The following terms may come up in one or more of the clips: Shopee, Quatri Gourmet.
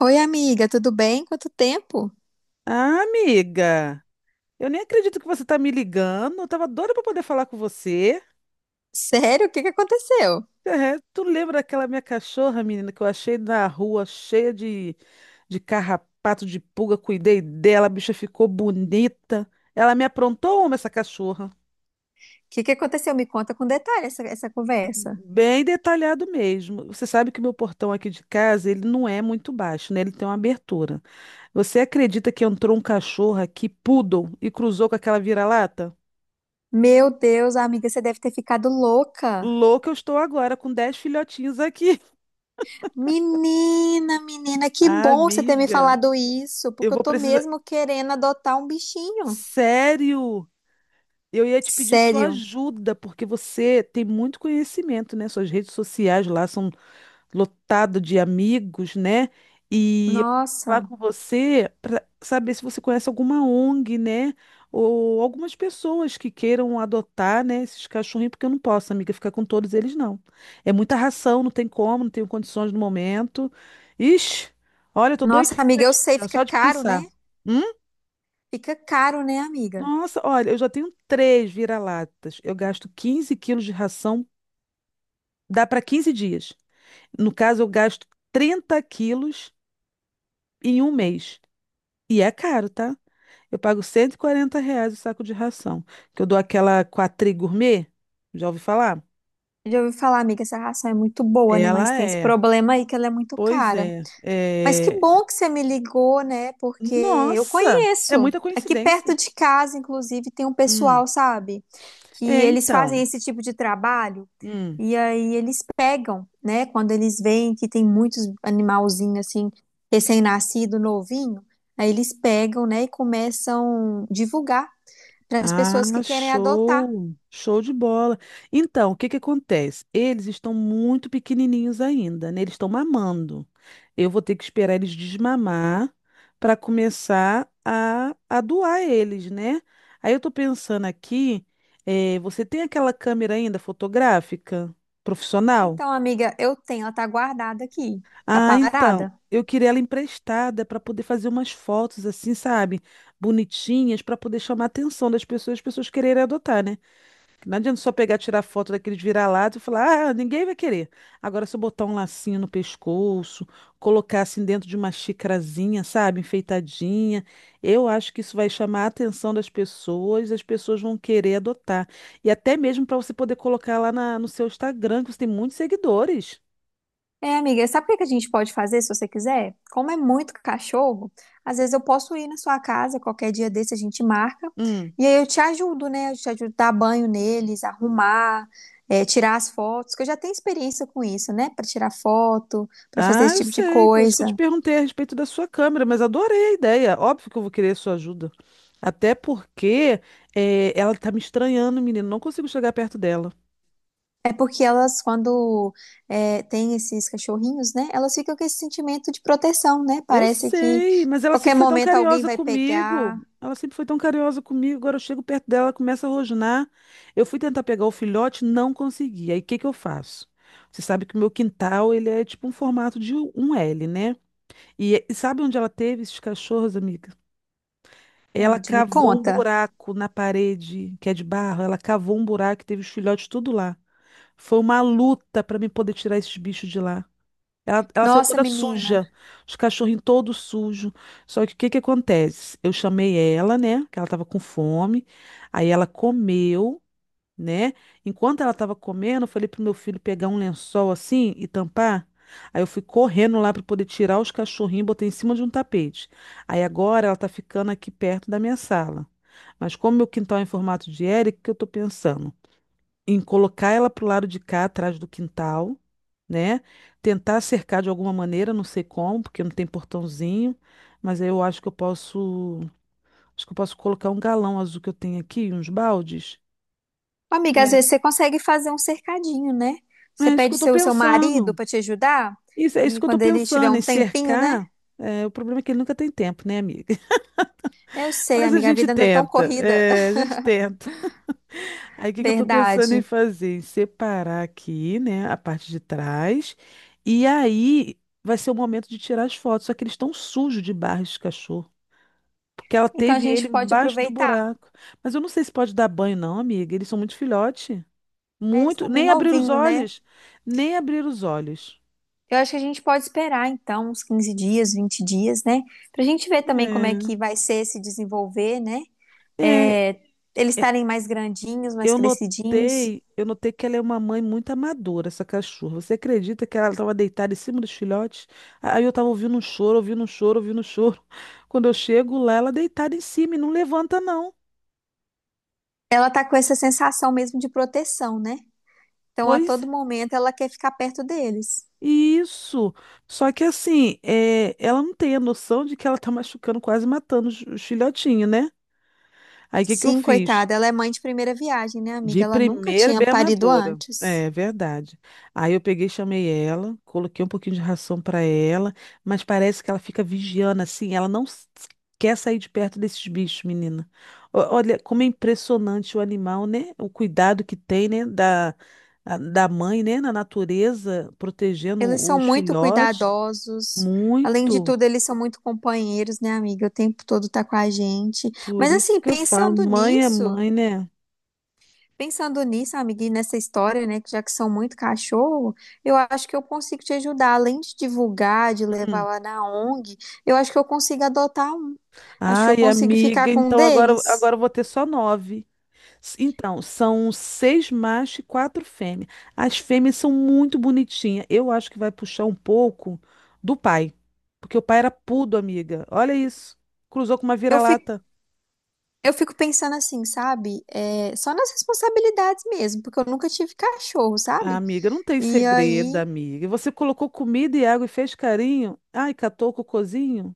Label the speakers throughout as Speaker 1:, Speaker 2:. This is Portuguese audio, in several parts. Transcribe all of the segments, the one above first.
Speaker 1: Oi, amiga, tudo bem? Quanto tempo?
Speaker 2: Ah, amiga, eu nem acredito que você tá me ligando. Eu tava doida pra poder falar com você.
Speaker 1: Sério? O que que aconteceu? O
Speaker 2: É, tu lembra daquela minha cachorra, menina, que eu achei na rua cheia de carrapato, de pulga? Cuidei dela, a bicha ficou bonita. Ela me aprontou uma, essa cachorra.
Speaker 1: que que aconteceu? Me conta com detalhe essa conversa.
Speaker 2: Bem detalhado mesmo. Você sabe que o meu portão aqui de casa, ele não é muito baixo, né? Ele tem uma abertura. Você acredita que entrou um cachorro aqui, poodle, e cruzou com aquela vira-lata?
Speaker 1: Meu Deus, amiga, você deve ter ficado louca.
Speaker 2: Louca eu estou agora, com 10 filhotinhos aqui.
Speaker 1: Menina, que bom você ter me
Speaker 2: Amiga,
Speaker 1: falado isso,
Speaker 2: eu
Speaker 1: porque eu
Speaker 2: vou
Speaker 1: tô
Speaker 2: precisar.
Speaker 1: mesmo querendo adotar um bichinho.
Speaker 2: Sério? Eu ia te pedir sua
Speaker 1: Sério?
Speaker 2: ajuda, porque você tem muito conhecimento, né? Suas redes sociais lá são lotado de amigos, né? E eu vou falar
Speaker 1: Nossa.
Speaker 2: com você para saber se você conhece alguma ONG, né? Ou algumas pessoas que queiram adotar, né, esses cachorrinhos, porque eu não posso, amiga, ficar com todos eles, não. É muita ração, não tem como, não tenho condições no momento. Ixi, olha, eu tô
Speaker 1: Nossa,
Speaker 2: doidinha,
Speaker 1: amiga, eu
Speaker 2: doidinha,
Speaker 1: sei,
Speaker 2: já,
Speaker 1: fica
Speaker 2: só de
Speaker 1: caro, né?
Speaker 2: pensar. Hum?
Speaker 1: Fica caro, né, amiga?
Speaker 2: Nossa, olha, eu já tenho 3 vira-latas. Eu gasto 15 quilos de ração, dá para 15 dias. No caso, eu gasto 30 quilos em um mês. E é caro, tá? Eu pago R$ 140 o saco de ração. Que eu dou aquela Quatri Gourmet. Já ouvi falar?
Speaker 1: Já ouvi falar, amiga, essa ração é muito boa, né? Mas
Speaker 2: Ela
Speaker 1: tem esse
Speaker 2: é.
Speaker 1: problema aí que ela é muito
Speaker 2: Pois
Speaker 1: cara.
Speaker 2: é.
Speaker 1: Mas que
Speaker 2: É.
Speaker 1: bom que você me ligou, né? Porque eu
Speaker 2: Nossa! É
Speaker 1: conheço.
Speaker 2: muita
Speaker 1: Aqui perto
Speaker 2: coincidência.
Speaker 1: de casa, inclusive, tem um
Speaker 2: Hum.
Speaker 1: pessoal, sabe? Que
Speaker 2: É,
Speaker 1: eles fazem
Speaker 2: então.
Speaker 1: esse tipo de trabalho.
Speaker 2: Hum.
Speaker 1: E aí eles pegam, né? Quando eles veem que tem muitos animalzinhos, assim, recém-nascido, novinho. Aí eles pegam, né? E começam a divulgar para as
Speaker 2: Ah,
Speaker 1: pessoas que querem adotar.
Speaker 2: show! Show de bola. Então, o que que acontece? Eles estão muito pequenininhos ainda, né? Eles estão mamando. Eu vou ter que esperar eles desmamar para começar a doar eles, né? Aí eu tô pensando aqui, você tem aquela câmera ainda fotográfica profissional?
Speaker 1: Então, amiga, eu tenho, ela tá guardada aqui. Tá
Speaker 2: Ah, então,
Speaker 1: parada.
Speaker 2: eu queria ela emprestada para poder fazer umas fotos assim, sabe? Bonitinhas para poder chamar a atenção das pessoas, as pessoas quererem adotar, né? Não adianta só pegar, tirar foto daqueles vira-lata e falar, ah, ninguém vai querer. Agora, se eu botar um lacinho no pescoço, colocar assim dentro de uma xicrazinha, sabe, enfeitadinha, eu acho que isso vai chamar a atenção das pessoas, as pessoas vão querer adotar. E até mesmo para você poder colocar lá no seu Instagram, que você tem muitos seguidores.
Speaker 1: É, amiga, sabe o que que a gente pode fazer se você quiser? Como é muito cachorro, às vezes eu posso ir na sua casa, qualquer dia desse a gente marca,
Speaker 2: Hum.
Speaker 1: e aí eu te ajudo, né? Eu te ajudo a dar banho neles, arrumar, é, tirar as fotos, que eu já tenho experiência com isso, né? Pra tirar foto, pra fazer
Speaker 2: Ah,
Speaker 1: esse
Speaker 2: eu
Speaker 1: tipo de
Speaker 2: sei, por isso que eu te
Speaker 1: coisa.
Speaker 2: perguntei a respeito da sua câmera, mas adorei a ideia. Óbvio que eu vou querer a sua ajuda. Até porque ela tá me estranhando, menino. Não consigo chegar perto dela.
Speaker 1: É porque elas, quando é, tem esses cachorrinhos, né? Elas ficam com esse sentimento de proteção, né?
Speaker 2: Eu
Speaker 1: Parece que
Speaker 2: sei, mas ela
Speaker 1: qualquer
Speaker 2: sempre foi tão
Speaker 1: momento alguém
Speaker 2: carinhosa
Speaker 1: vai
Speaker 2: comigo.
Speaker 1: pegar.
Speaker 2: Ela sempre foi tão carinhosa comigo. Agora eu chego perto dela, ela começa a rosnar. Eu fui tentar pegar o filhote, não consegui. Aí o que que eu faço? Você sabe que o meu quintal, ele é tipo um formato de um L, né? E sabe onde ela teve esses cachorros, amiga? Ela
Speaker 1: Onde? Me
Speaker 2: cavou um
Speaker 1: conta.
Speaker 2: buraco na parede, que é de barro. Ela cavou um buraco e teve os filhotes tudo lá. Foi uma luta para mim poder tirar esses bichos de lá. Ela saiu
Speaker 1: Nossa,
Speaker 2: toda
Speaker 1: menina.
Speaker 2: suja, os cachorrinhos todos sujos. Só que o que que acontece? Eu chamei ela, né? Que ela tava com fome. Aí ela comeu, né? Enquanto ela estava comendo, eu falei pro meu filho pegar um lençol assim e tampar. Aí eu fui correndo lá para poder tirar os cachorrinhos e botei em cima de um tapete. Aí agora ela tá ficando aqui perto da minha sala. Mas como meu quintal é em formato de L, o que que eu tô pensando? Em colocar ela pro lado de cá, atrás do quintal, né? Tentar cercar de alguma maneira, não sei como, porque não tem portãozinho, mas aí eu acho que eu posso, acho que eu posso colocar um galão azul que eu tenho aqui, uns baldes.
Speaker 1: Amiga, às vezes você consegue fazer um cercadinho, né? Você
Speaker 2: É isso que
Speaker 1: pede
Speaker 2: eu tô
Speaker 1: seu marido
Speaker 2: pensando.
Speaker 1: para te ajudar
Speaker 2: Isso, é isso
Speaker 1: e
Speaker 2: que eu tô
Speaker 1: quando ele tiver
Speaker 2: pensando,
Speaker 1: um
Speaker 2: em
Speaker 1: tempinho, né?
Speaker 2: cercar. É, o problema é que ele nunca tem tempo, né, amiga?
Speaker 1: Eu sei,
Speaker 2: Mas a
Speaker 1: amiga, a
Speaker 2: gente
Speaker 1: vida anda tão
Speaker 2: tenta,
Speaker 1: corrida,
Speaker 2: é, a gente tenta. Aí o que que eu tô pensando em
Speaker 1: verdade.
Speaker 2: fazer? Em separar aqui, né, a parte de trás. E aí vai ser o momento de tirar as fotos. Só que eles estão sujos de barro de cachorro. Porque ela
Speaker 1: Então a
Speaker 2: teve ele
Speaker 1: gente pode
Speaker 2: embaixo do
Speaker 1: aproveitar.
Speaker 2: buraco. Mas eu não sei se pode dar banho, não, amiga. Eles são muito filhote.
Speaker 1: É, eles
Speaker 2: Muito.
Speaker 1: estão bem
Speaker 2: Nem abrir os
Speaker 1: novinhos, né?
Speaker 2: olhos. Nem abrir os olhos.
Speaker 1: Eu acho que a gente pode esperar, então, uns 15 dias, 20 dias, né? Pra gente ver também como é que vai ser se desenvolver, né?
Speaker 2: É. É, é.
Speaker 1: É, eles estarem mais grandinhos, mais
Speaker 2: Eu
Speaker 1: crescidinhos.
Speaker 2: notei, eu notei que ela é uma mãe muito amadora, essa cachorra. Você acredita que ela estava deitada em cima dos filhotes? Aí eu estava ouvindo um choro, ouvindo um choro, ouvindo um choro. Quando eu chego lá, ela deitada em cima e não levanta, não.
Speaker 1: Ela tá com essa sensação mesmo de proteção, né? Então, a todo
Speaker 2: Pois
Speaker 1: momento, ela quer ficar perto deles.
Speaker 2: isso. Só que assim, é, ela não tem a noção de que ela está machucando, quase matando os filhotinhos, né? Aí o que que eu
Speaker 1: Sim,
Speaker 2: fiz?
Speaker 1: coitada, ela é mãe de primeira viagem, né,
Speaker 2: De
Speaker 1: amiga? Ela nunca
Speaker 2: primeira,
Speaker 1: tinha
Speaker 2: bem
Speaker 1: parido
Speaker 2: amadora.
Speaker 1: antes.
Speaker 2: É verdade. Aí eu peguei, e chamei ela, coloquei um pouquinho de ração para ela, mas parece que ela fica vigiando assim, ela não s- quer sair de perto desses bichos, menina. Olha como é impressionante o animal, né? O cuidado que tem, né? Da, da mãe, né? Na natureza, protegendo
Speaker 1: Eles são
Speaker 2: os
Speaker 1: muito
Speaker 2: filhotes.
Speaker 1: cuidadosos. Além de
Speaker 2: Muito.
Speaker 1: tudo, eles são muito companheiros, né, amiga? O tempo todo tá com a gente.
Speaker 2: Por
Speaker 1: Mas
Speaker 2: isso
Speaker 1: assim,
Speaker 2: que eu falo, mãe é mãe, né?
Speaker 1: pensando nisso, amiga, e nessa história, né, que já que são muito cachorro, eu acho que eu consigo te ajudar. Além de divulgar, de levar
Speaker 2: Hum.
Speaker 1: lá na ONG, eu acho que eu consigo adotar um. Acho que eu
Speaker 2: Ai,
Speaker 1: consigo ficar
Speaker 2: amiga,
Speaker 1: com um
Speaker 2: então agora,
Speaker 1: deles.
Speaker 2: agora eu vou ter só nove. Então, são seis machos e quatro fêmeas. As fêmeas são muito bonitinhas. Eu acho que vai puxar um pouco do pai, porque o pai era pudo, amiga. Olha isso. Cruzou com uma
Speaker 1: Eu fico
Speaker 2: vira-lata.
Speaker 1: Eu fico pensando assim, sabe? É, só nas responsabilidades mesmo, porque eu nunca tive cachorro,
Speaker 2: Ah,
Speaker 1: sabe?
Speaker 2: amiga, não tem
Speaker 1: E
Speaker 2: segredo,
Speaker 1: aí
Speaker 2: amiga. E você colocou comida e água e fez carinho? Ai, catou o cocôzinho?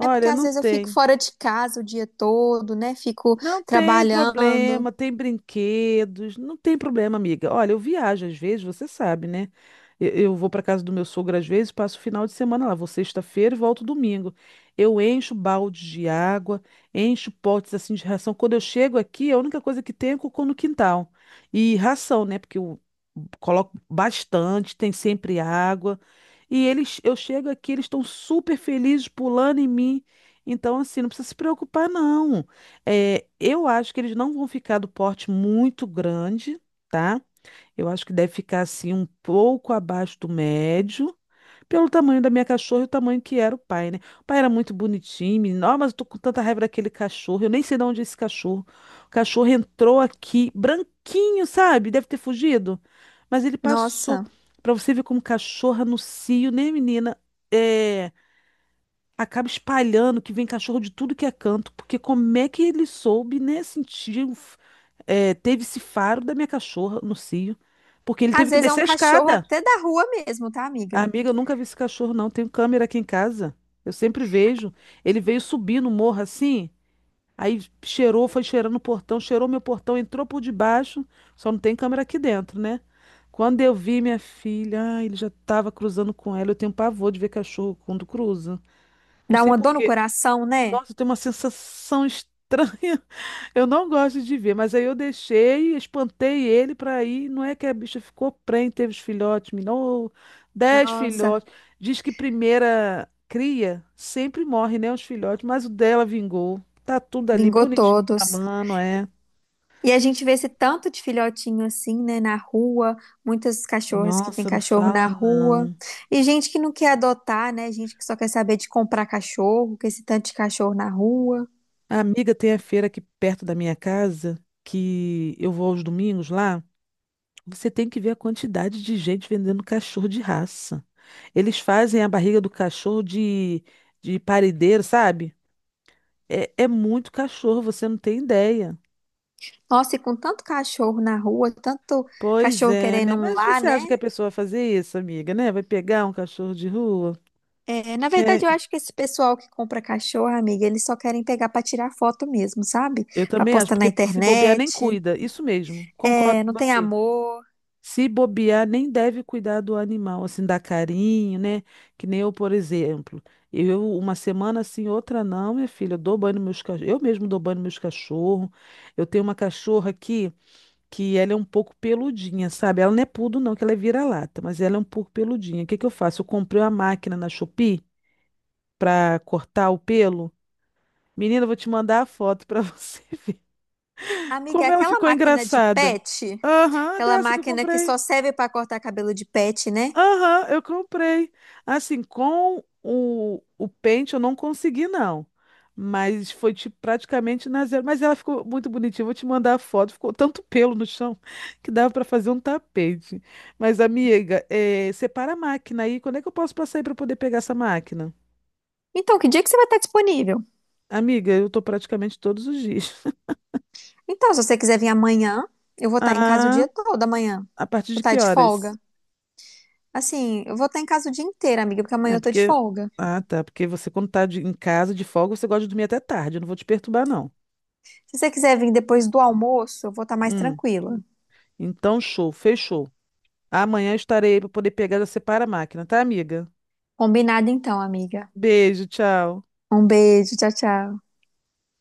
Speaker 1: é porque às
Speaker 2: não
Speaker 1: vezes eu fico
Speaker 2: tem.
Speaker 1: fora de casa o dia todo, né? Fico
Speaker 2: Não tem
Speaker 1: trabalhando.
Speaker 2: problema, tem brinquedos, não tem problema, amiga. Olha, eu viajo às vezes, você sabe, né? Eu vou para casa do meu sogro às vezes, passo o final de semana lá, vou sexta-feira e volto domingo. Eu encho baldes de água, encho potes assim de ração. Quando eu chego aqui, a única coisa que tem é cocô no quintal. E ração, né? Porque eu coloco bastante, tem sempre água. E eles, eu chego aqui, eles estão super felizes pulando em mim. Então, assim, não precisa se preocupar, não. É, eu acho que eles não vão ficar do porte muito grande, tá? Eu acho que deve ficar assim um pouco abaixo do médio, pelo tamanho da minha cachorra e o tamanho que era o pai, né? O pai era muito bonitinho, menino. Ó, mas eu tô com tanta raiva daquele cachorro. Eu nem sei de onde é esse cachorro. O cachorro entrou aqui, branquinho, sabe? Deve ter fugido. Mas ele passou.
Speaker 1: Nossa,
Speaker 2: Pra você ver como cachorra no cio, né, menina? É, acaba espalhando que vem cachorro de tudo que é canto, porque como é que ele soube, né, sentir, teve esse faro da minha cachorra no cio, porque ele
Speaker 1: às
Speaker 2: teve que
Speaker 1: vezes é um
Speaker 2: descer a
Speaker 1: cachorro
Speaker 2: escada.
Speaker 1: até da rua mesmo, tá, amiga?
Speaker 2: Amiga, eu nunca vi esse cachorro, não. Tenho câmera aqui em casa. Eu sempre vejo. Ele veio subir no morro assim, aí cheirou, foi cheirando o portão, cheirou meu portão, entrou por debaixo, só não tem câmera aqui dentro, né? Quando eu vi minha filha, ah, ele já estava cruzando com ela. Eu tenho pavor de ver cachorro quando cruza. Não
Speaker 1: Dá
Speaker 2: sei
Speaker 1: uma
Speaker 2: por
Speaker 1: dor no
Speaker 2: quê.
Speaker 1: coração, né?
Speaker 2: Nossa, tem uma sensação estranha. Eu não gosto de ver, mas aí eu deixei, espantei ele para ir. Não é que a bicha ficou prenhe, teve os filhotes, minou dez
Speaker 1: Nossa,
Speaker 2: filhotes. Diz que primeira cria sempre morre, né, os filhotes, mas o dela vingou. Tá tudo ali
Speaker 1: vingou
Speaker 2: bonitinho, a
Speaker 1: todos.
Speaker 2: mano, é.
Speaker 1: E a gente vê esse tanto de filhotinho assim, né, na rua, muitas cachorras que têm
Speaker 2: Nossa, não
Speaker 1: cachorro na
Speaker 2: fala
Speaker 1: rua,
Speaker 2: não.
Speaker 1: e gente que não quer adotar, né, gente que só quer saber de comprar cachorro, com esse tanto de cachorro na rua.
Speaker 2: A amiga tem a feira aqui perto da minha casa, que eu vou aos domingos lá. Você tem que ver a quantidade de gente vendendo cachorro de raça. Eles fazem a barriga do cachorro de paredeiro, sabe? É, é muito cachorro, você não tem ideia.
Speaker 1: Nossa, e com tanto cachorro na rua, tanto
Speaker 2: Pois
Speaker 1: cachorro
Speaker 2: é,
Speaker 1: querendo
Speaker 2: né?
Speaker 1: um
Speaker 2: Mas
Speaker 1: lar,
Speaker 2: você
Speaker 1: né?
Speaker 2: acha que a pessoa vai fazer isso, amiga, né? Vai pegar um cachorro de rua?
Speaker 1: É, na
Speaker 2: É,
Speaker 1: verdade, eu acho que esse pessoal que compra cachorro, amiga, eles só querem pegar pra tirar foto mesmo, sabe?
Speaker 2: eu
Speaker 1: Pra
Speaker 2: também acho,
Speaker 1: postar na
Speaker 2: porque se bobear nem
Speaker 1: internet.
Speaker 2: cuida. Isso mesmo, concordo
Speaker 1: É,
Speaker 2: com
Speaker 1: não tem
Speaker 2: você.
Speaker 1: amor.
Speaker 2: Se bobear, nem deve cuidar do animal, assim, dar carinho, né? Que nem eu, por exemplo. Eu, uma semana assim, outra não, minha filha. Eu dou banho nos meus cachorros. Eu mesmo dou banho nos meus cachorros. Eu tenho uma cachorra aqui que ela é um pouco peludinha, sabe? Ela não é pudo, não, que ela é vira-lata, mas ela é um pouco peludinha. O que que eu faço? Eu comprei uma máquina na Shopee pra cortar o pelo. Menina, eu vou te mandar a foto pra você ver
Speaker 1: Amiga, é
Speaker 2: como ela
Speaker 1: aquela
Speaker 2: ficou
Speaker 1: máquina de
Speaker 2: engraçada.
Speaker 1: pet.
Speaker 2: Aham,
Speaker 1: Aquela
Speaker 2: dessa que eu
Speaker 1: máquina que
Speaker 2: comprei.
Speaker 1: só serve para cortar cabelo de pet, né?
Speaker 2: Aham, eu comprei. Assim, com o pente eu não consegui, não. Mas foi tipo, praticamente na zero. Mas ela ficou muito bonitinha. Vou te mandar a foto. Ficou tanto pelo no chão que dava para fazer um tapete. Mas, amiga, separa a máquina aí. Quando é que eu posso passar aí para poder pegar essa máquina?
Speaker 1: Então, que dia que você vai estar disponível?
Speaker 2: Amiga, eu tô praticamente todos os dias.
Speaker 1: Então, se você quiser vir amanhã, eu vou estar em casa o
Speaker 2: Ah,
Speaker 1: dia todo amanhã.
Speaker 2: a partir
Speaker 1: Vou
Speaker 2: de
Speaker 1: estar
Speaker 2: que
Speaker 1: de folga.
Speaker 2: horas?
Speaker 1: Assim, eu vou estar em casa o dia inteiro, amiga, porque amanhã
Speaker 2: É
Speaker 1: eu tô de
Speaker 2: porque.
Speaker 1: folga.
Speaker 2: Ah, tá. Porque você, quando tá em casa de folga, você gosta de dormir até tarde. Eu não vou te perturbar, não.
Speaker 1: Se você quiser vir depois do almoço, eu vou estar mais
Speaker 2: Hum.
Speaker 1: tranquila.
Speaker 2: Então, show, fechou. Amanhã eu estarei aí para poder pegar e já separa a máquina, tá, amiga?
Speaker 1: Combinado então, amiga.
Speaker 2: Beijo, tchau.
Speaker 1: Um beijo, tchau, tchau.